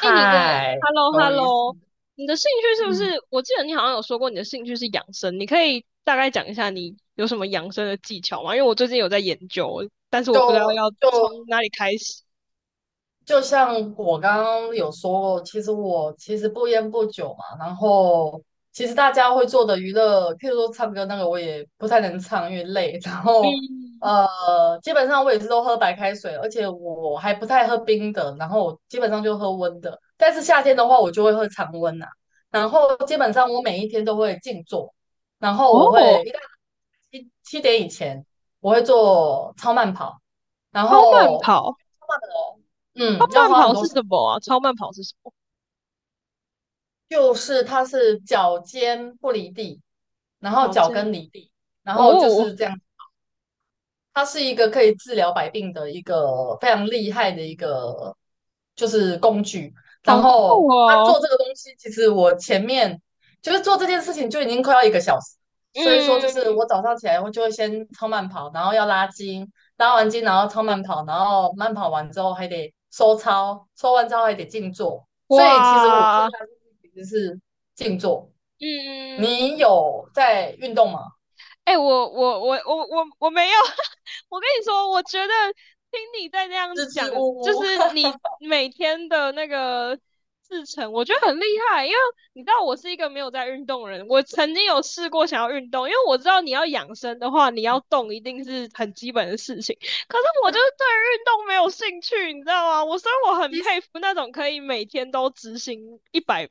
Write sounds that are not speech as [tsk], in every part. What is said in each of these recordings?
哎，Hello 头一次，Hello，你的兴趣是不嗯，是？我记得你好像有说过你的兴趣是养生，你可以大概讲一下你有什么养生的技巧吗？因为我最近有在研究，但是我不知道就要就从哪里开始。就像我刚刚有说过，其实我其实不烟不酒嘛，然后其实大家会做的娱乐，譬如说唱歌那个，我也不太能唱，因为累。[laughs] 然后嗯。呃，基本上我也是都喝白开水，而且我还不太喝冰的，然后我基本上就喝温的。但是夏天的话，我就会喝常温呐，然后基本上我每一天都会静坐，然后我哦。会七点以前我会做超慢跑，然超慢后。跑，慢超要慢花很跑多是时什间，么啊？超慢跑是什么？就是它是脚尖不离地，然后跑脚间跟离地，然后就哦。是这样。它是一个可以治疗百病的一个非常厉害的一个就是工具。然好酷。后他哦。做这个东西，其实我前面就是做这件事情就已经快要1个小时，所以说就是嗯。我早上起来我就会先超慢跑，然后要拉筋，拉完筋然后超慢跑，然后慢跑完之后还得收操，收完之后还得静坐。所以其实我最哇。大的目的其实是静坐。嗯。你有在运动吗？哎，我没有，[laughs] 我跟你说，我觉得听你在这样支讲，支吾就吾，是你每天的那个制程，我觉得很厉害，因为你知道我是一个没有在运动的人，我曾经有试过想要运动，因为我知道你要养生的话，你要动一定是很基本的事情，可是我就是对于运动没有兴趣，你知道吗？所以我 [laughs] 很其实佩服那种可以每天都执行100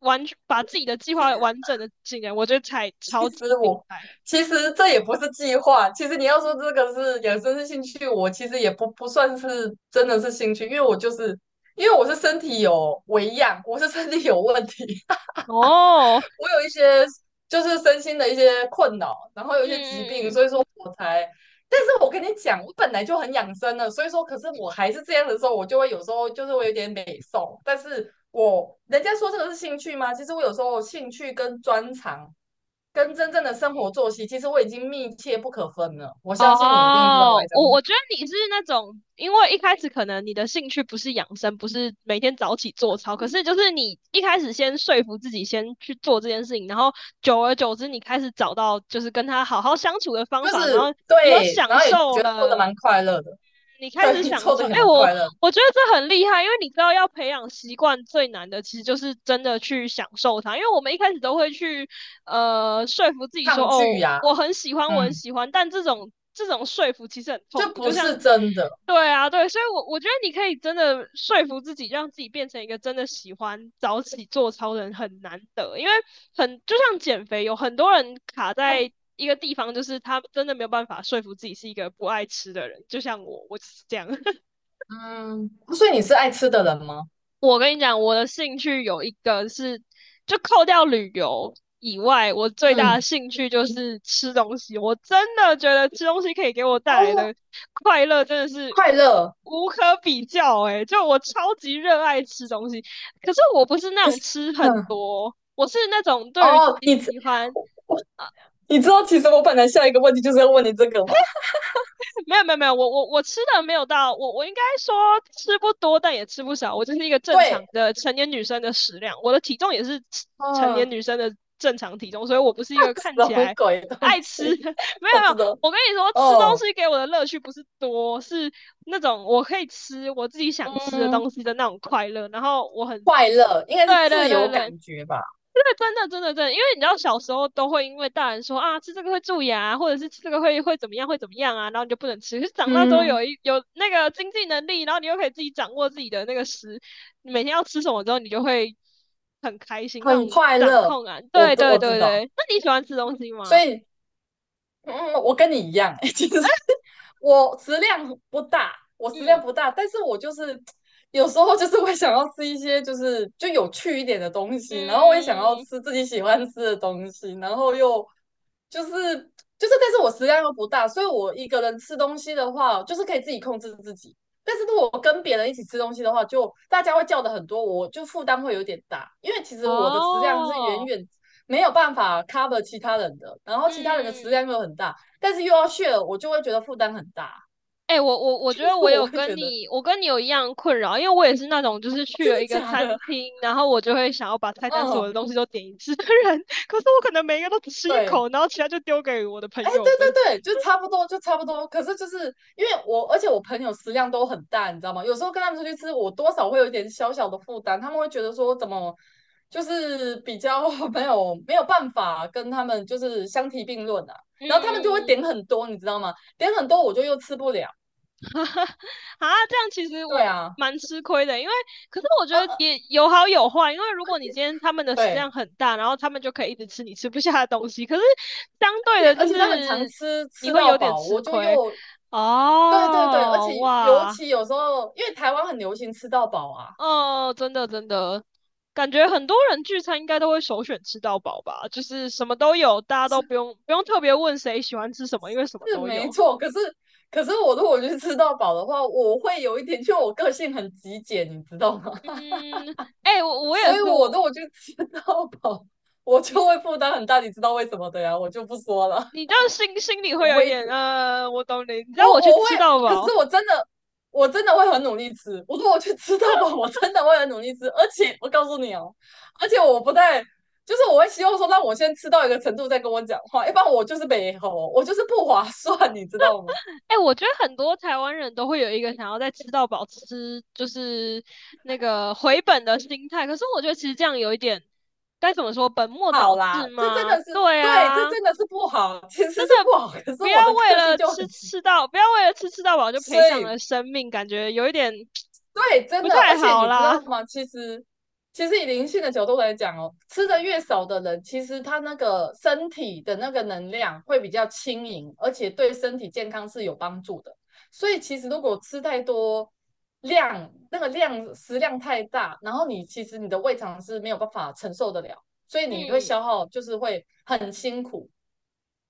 完全把自己的计划完整的进来，我觉得才其超级实厉我害。其实这也不是计划，其实你要说这个是养生是兴趣，我其实也不算是真的是兴趣，因为我是身体有微恙，我是身体有问题，[laughs] 哦。我有一些就是身心的一些困扰，然后有一些疾病，嗯嗯嗯。所以说我才。但是我跟你讲，我本来就很养生了，所以说，可是我还是这样的时候，我就会有时候就是会有点美瘦，但是我人家说这个是兴趣吗？其实我有时候兴趣跟专长跟真正的生活作息，其实我已经密切不可分了。我相信你一定知道我在哦。讲什我么，我觉得你是那种，因为一开始可能你的兴趣不是养生，不是每天早起做操，可是就是你一开始先说服自己先去做这件事情，然后久而久之，你开始找到就是跟他好好相处的就方法，然是后你有对，然享后也受觉得做的了。蛮快乐的，你 [laughs] 开始对，享做受，的也哎、蛮我快乐的我觉得这很厉害，因为你知道要培养习惯最难的，其实就是真的去享受它。因为我们一开始都会去说服自己说，抗拒哦，呀，我很喜欢，我很嗯，喜欢，但这种说服其实很痛就苦。不就像，是真的，对啊，对，所以我觉得你可以真的说服自己，让自己变成一个真的喜欢早起做操的人很难得，因为很就像减肥，有很多人卡在。一个地方就是他真的没有办法说服自己是一个不爱吃的人，就像我，我就是这样。[laughs] 嗯。所以你是爱吃的人吗？我跟你讲，我的兴趣有一个是，就扣掉旅游以外，我最大的嗯，兴趣就是吃东西。我真的觉得吃东西可以给我带来哦，的快乐真的是快乐。无可比较诶、就我超级热爱吃东西，可是我不是那可种是，吃很哼，多，我是那种对于自哦，己喜欢我我你知道，其实我本来下一个问题就是要问你这个吗？没有没有没有，我吃的没有到，我应该说吃不多，但也吃不少，我就是一个正常对，的成年女生的食量，我的体重也是成年嗯，女生的正常体重，所以我不是一个 [laughs] 看什起么来鬼东爱吃西？的。[laughs] 没我有没知有，道，我跟你说，吃东哦，西给我的乐趣不是多，是那种我可以吃我自己想吃的嗯。东西的那种快乐，然后我很，快乐，应该是对对自对由对，感觉吧，对，真的，真的，真的，因为你知道小时候都会因为大人说啊，吃这个会蛀牙，或者是吃这个会怎么样，会怎么样啊，然后你就不能吃。可是长大之后嗯，有那个经济能力，然后你又可以自己掌握自己的那个食，你每天要吃什么之后，你就会很开心，那很种快掌乐。控感。我对都对我知对道，对，那你喜欢吃东西所吗？以我跟你一样，[laughs] 欸其实我食量不大，我食量嗯不大，但是我就是 [tsk] 有时候就是会想要吃一些就是就有趣一点的东西，然后我也想要嗯。吃自己喜欢吃的东西，然后又就是就是，但是我食量又不大，所以我一个人吃东西的话，就是可以自己控制自己。但是如果我跟别人一起吃东西的话，就大家会叫的很多，我就负担会有点大，因为其实我的食量是远哦。远没有办法 cover 其他人的，然后其他人的食嗯。量又很大，但是又要炫，h 我就会觉得负担很大，哎、我我 [laughs] 我觉就得是我我有会跟觉得你，我跟你有一样困扰，因为我也是那种就是去真了的一个假餐的？厅，然后我就会想要把菜单所有的嗯，东西都点一次的人，[laughs] 可是我可能每一个都只吃一对。口，然后其他就丢给我的朋哎，对友们。对对，就差不多，就差不多。可是就是因为我，而且我朋友食量都很大，你知道吗？有时候跟他们出去吃，我多少会有一点小小的负担，他们会觉得说怎么就是比较 [laughs] 没有没有办法跟他们就是相提并论啊。然后他们就会嗯。点很多，你知道吗？点很多我就又吃不了。[laughs] 哈哈。啊，这样其实对我啊，蛮吃亏的，因为可是我觉呃得呃，也有好有坏，因为如果你今天他们的食量对，很大，然后他们就可以一直吃你吃不下的东西，可是相而对且的而就且他们常是吃你吃会到有点饱，吃我就亏。又对对对，而且哦。尤哇。其有时候，因为台湾很流行吃到饱啊，哦，真的真的，感觉很多人聚餐应该都会首选吃到饱吧，就是什么都有，大家都不用特别问谁喜欢吃什么，因为什么是都没有。错。可是我如果去吃到饱的话，我会有一点，就我个性很极简，你知道吗？嗯。哎、我 [laughs] 我也所以是，我如果去吃到饱，我就你会负担很大，你知道为什么的呀？我就不说了，你这样心里 [laughs] 会我有一会一点，直我懂你。你知道我我去我会，吃到可是饱，我真的我真的会很努力吃。我说我去吃到饱，我真的会很努力吃。而且我告诉你哦，而且我不太，就是我会希望说让我先吃到一个程度再跟我讲话，一般我就是没吼我就是不划算，你知道吗？哎、我觉得很多台湾人都会有一个想要在吃到饱吃，就是那个回本的心态。可是我觉得其实这样有一点，该怎么说，本末倒好置啦，这真吗？的是对对，这啊。真的是不好，其实是那不好。可是不我要的为个性了就吃很急，吃到，不要为了吃到饱就所赔上以了生命，感觉有一点对，真不的，太而且好你知啦。道吗？其实，其实以灵性的角度来讲哦，吃的越少的人，其实他那个身体的那个能量会比较轻盈，而且对身体健康是有帮助的。所以其实如果吃太多量，那个量食量太大，然后你其实你的胃肠是没有办法承受得了，所以你会嗯。消耗，就是会很辛苦。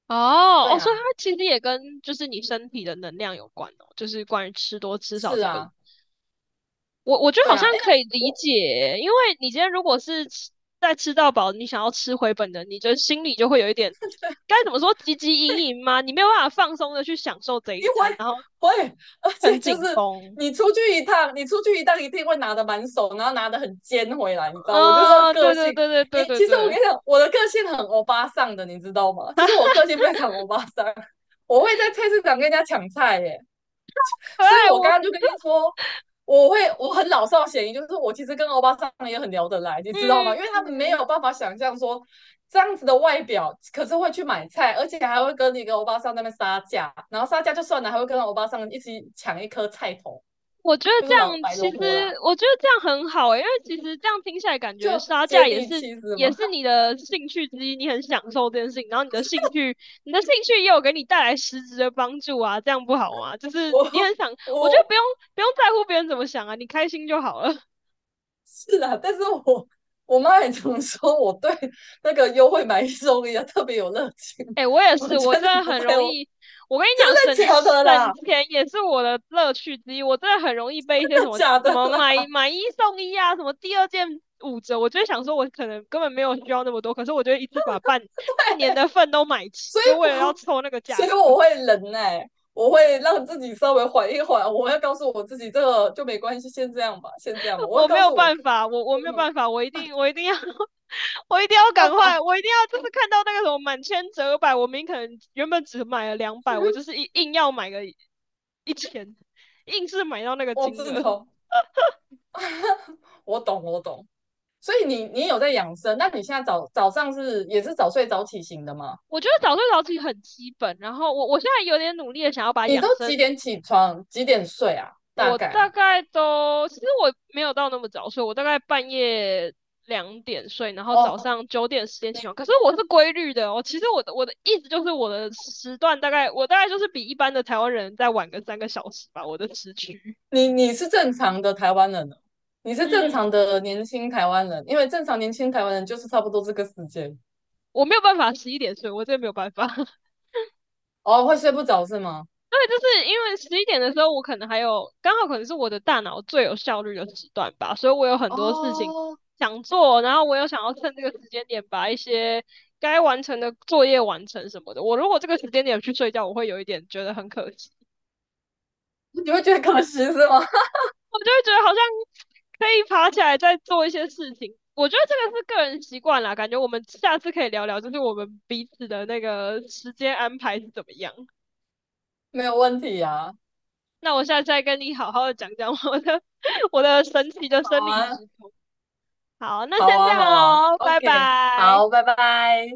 哦对哦，所以它啊，其实也跟就是你身体的能量有关哦，就是关于吃多吃少是这个，啊，我觉得对好啊。像哎，那可以理我 解，因为你今天如果是在吃到饱，你想要吃回本的，你就心里就会有一点该怎么说汲汲营 [laughs] 营吗？你没有办法放松的去享受这一餐，然后会会，而很且就是紧绷。你出去一趟，你出去一趟一定会拿的满手，然后拿的很尖回来，你知道？我就是啊、个对对性，对对你对对其实我对。跟你讲，我的个性很欧巴桑的，你知道吗？其实我个性非常欧巴桑，我会在菜市场跟人家抢菜耶，可所以爱，我刚我。刚就跟你说，我会我很老少咸宜，就是我其实跟欧巴桑也很聊得来，你知道吗？因为他们没嗯，有办法想象说这样子的外表，可是会去买菜，而且还会跟一个欧巴桑那边杀价，然后杀价就算了，还会跟欧巴桑一起抢一颗菜头，我觉得就这是老样白其萝实，卜啦，我觉得这样很好诶、因为其实这样听起来感就觉杀接价也地是气是也吗？是你的兴趣之一，你很享受这件事情，然后你的兴趣也有给你带来实质的帮助啊，这样不好吗？就是你 [laughs] 很想，我我觉得我不用在乎别人怎么想啊，你开心就好了。是啦，但是我。我妈也常说我对那个优惠买一送一啊特别有热情，哎、我也我是，真我真的的不很太容有易。我跟你真讲，的省假的啦。省钱也是我的乐趣之一。我真的很容易被一些什 [laughs] 么假什的么买啦，买一送一啊，什么第二件五折，我就会想说，我可能根本没有需要那么多，可是我就会一次把半年的份都买齐，所以就为了要我凑那个所价以格。我会忍耐，欸我会让自己稍微缓一缓，我会告诉我自己这个就没关系，先这样吧，先这样吧，我会我没告有诉我，办法，我没有办法，我一定要 [laughs] 我一定要赶快，我一定要就是看到那个什么满千折百，我明明可能原本只买了200，我就是硬要买个1000，硬是买到那个我金知额。道，我懂，我懂。所以你有在养生？那你现在早早上是也是早睡早起型的吗？我觉得早睡早起很基本，然后我现在有点努力的想要把你养都生，几点起床？几点睡啊？大我概大啊？概都其实我没有到那么早睡，我大概半夜2点睡，然后早哦，上9点10点起你床，可是我是规律的哦。其实我的意思就是我的时段大概我大概就是比一般的台湾人再晚个3个小时吧，我的时区。你是正常的台湾人了，你是正嗯。常的年轻台湾人，因为正常年轻台湾人就是差不多这个时间。我没有办法十一点睡，我真的没有办法。[laughs] 哦，会睡不着是吗？对，就是因为十一点的时候，我可能还有刚好可能是我的大脑最有效率的时段吧，所以我有很多事情哦，想做，然后我又想要趁这个时间点把一些该完成的作业完成什么的。我如果这个时间点去睡觉，我会有一点觉得很可惜，你会觉得可惜是吗？我就会觉得好像可以爬起来再做一些事情。我觉得这个是个人习惯啦，感觉我们下次可以聊聊，就是我们彼此的那个时间安排是怎么样。[laughs] 没有问题啊，那我下次再跟你好好的讲讲我的 [laughs] 我的神奇的生好理啊，时钟。好，那好先这啊，样好啊哦，拜，OK，拜。好，拜拜。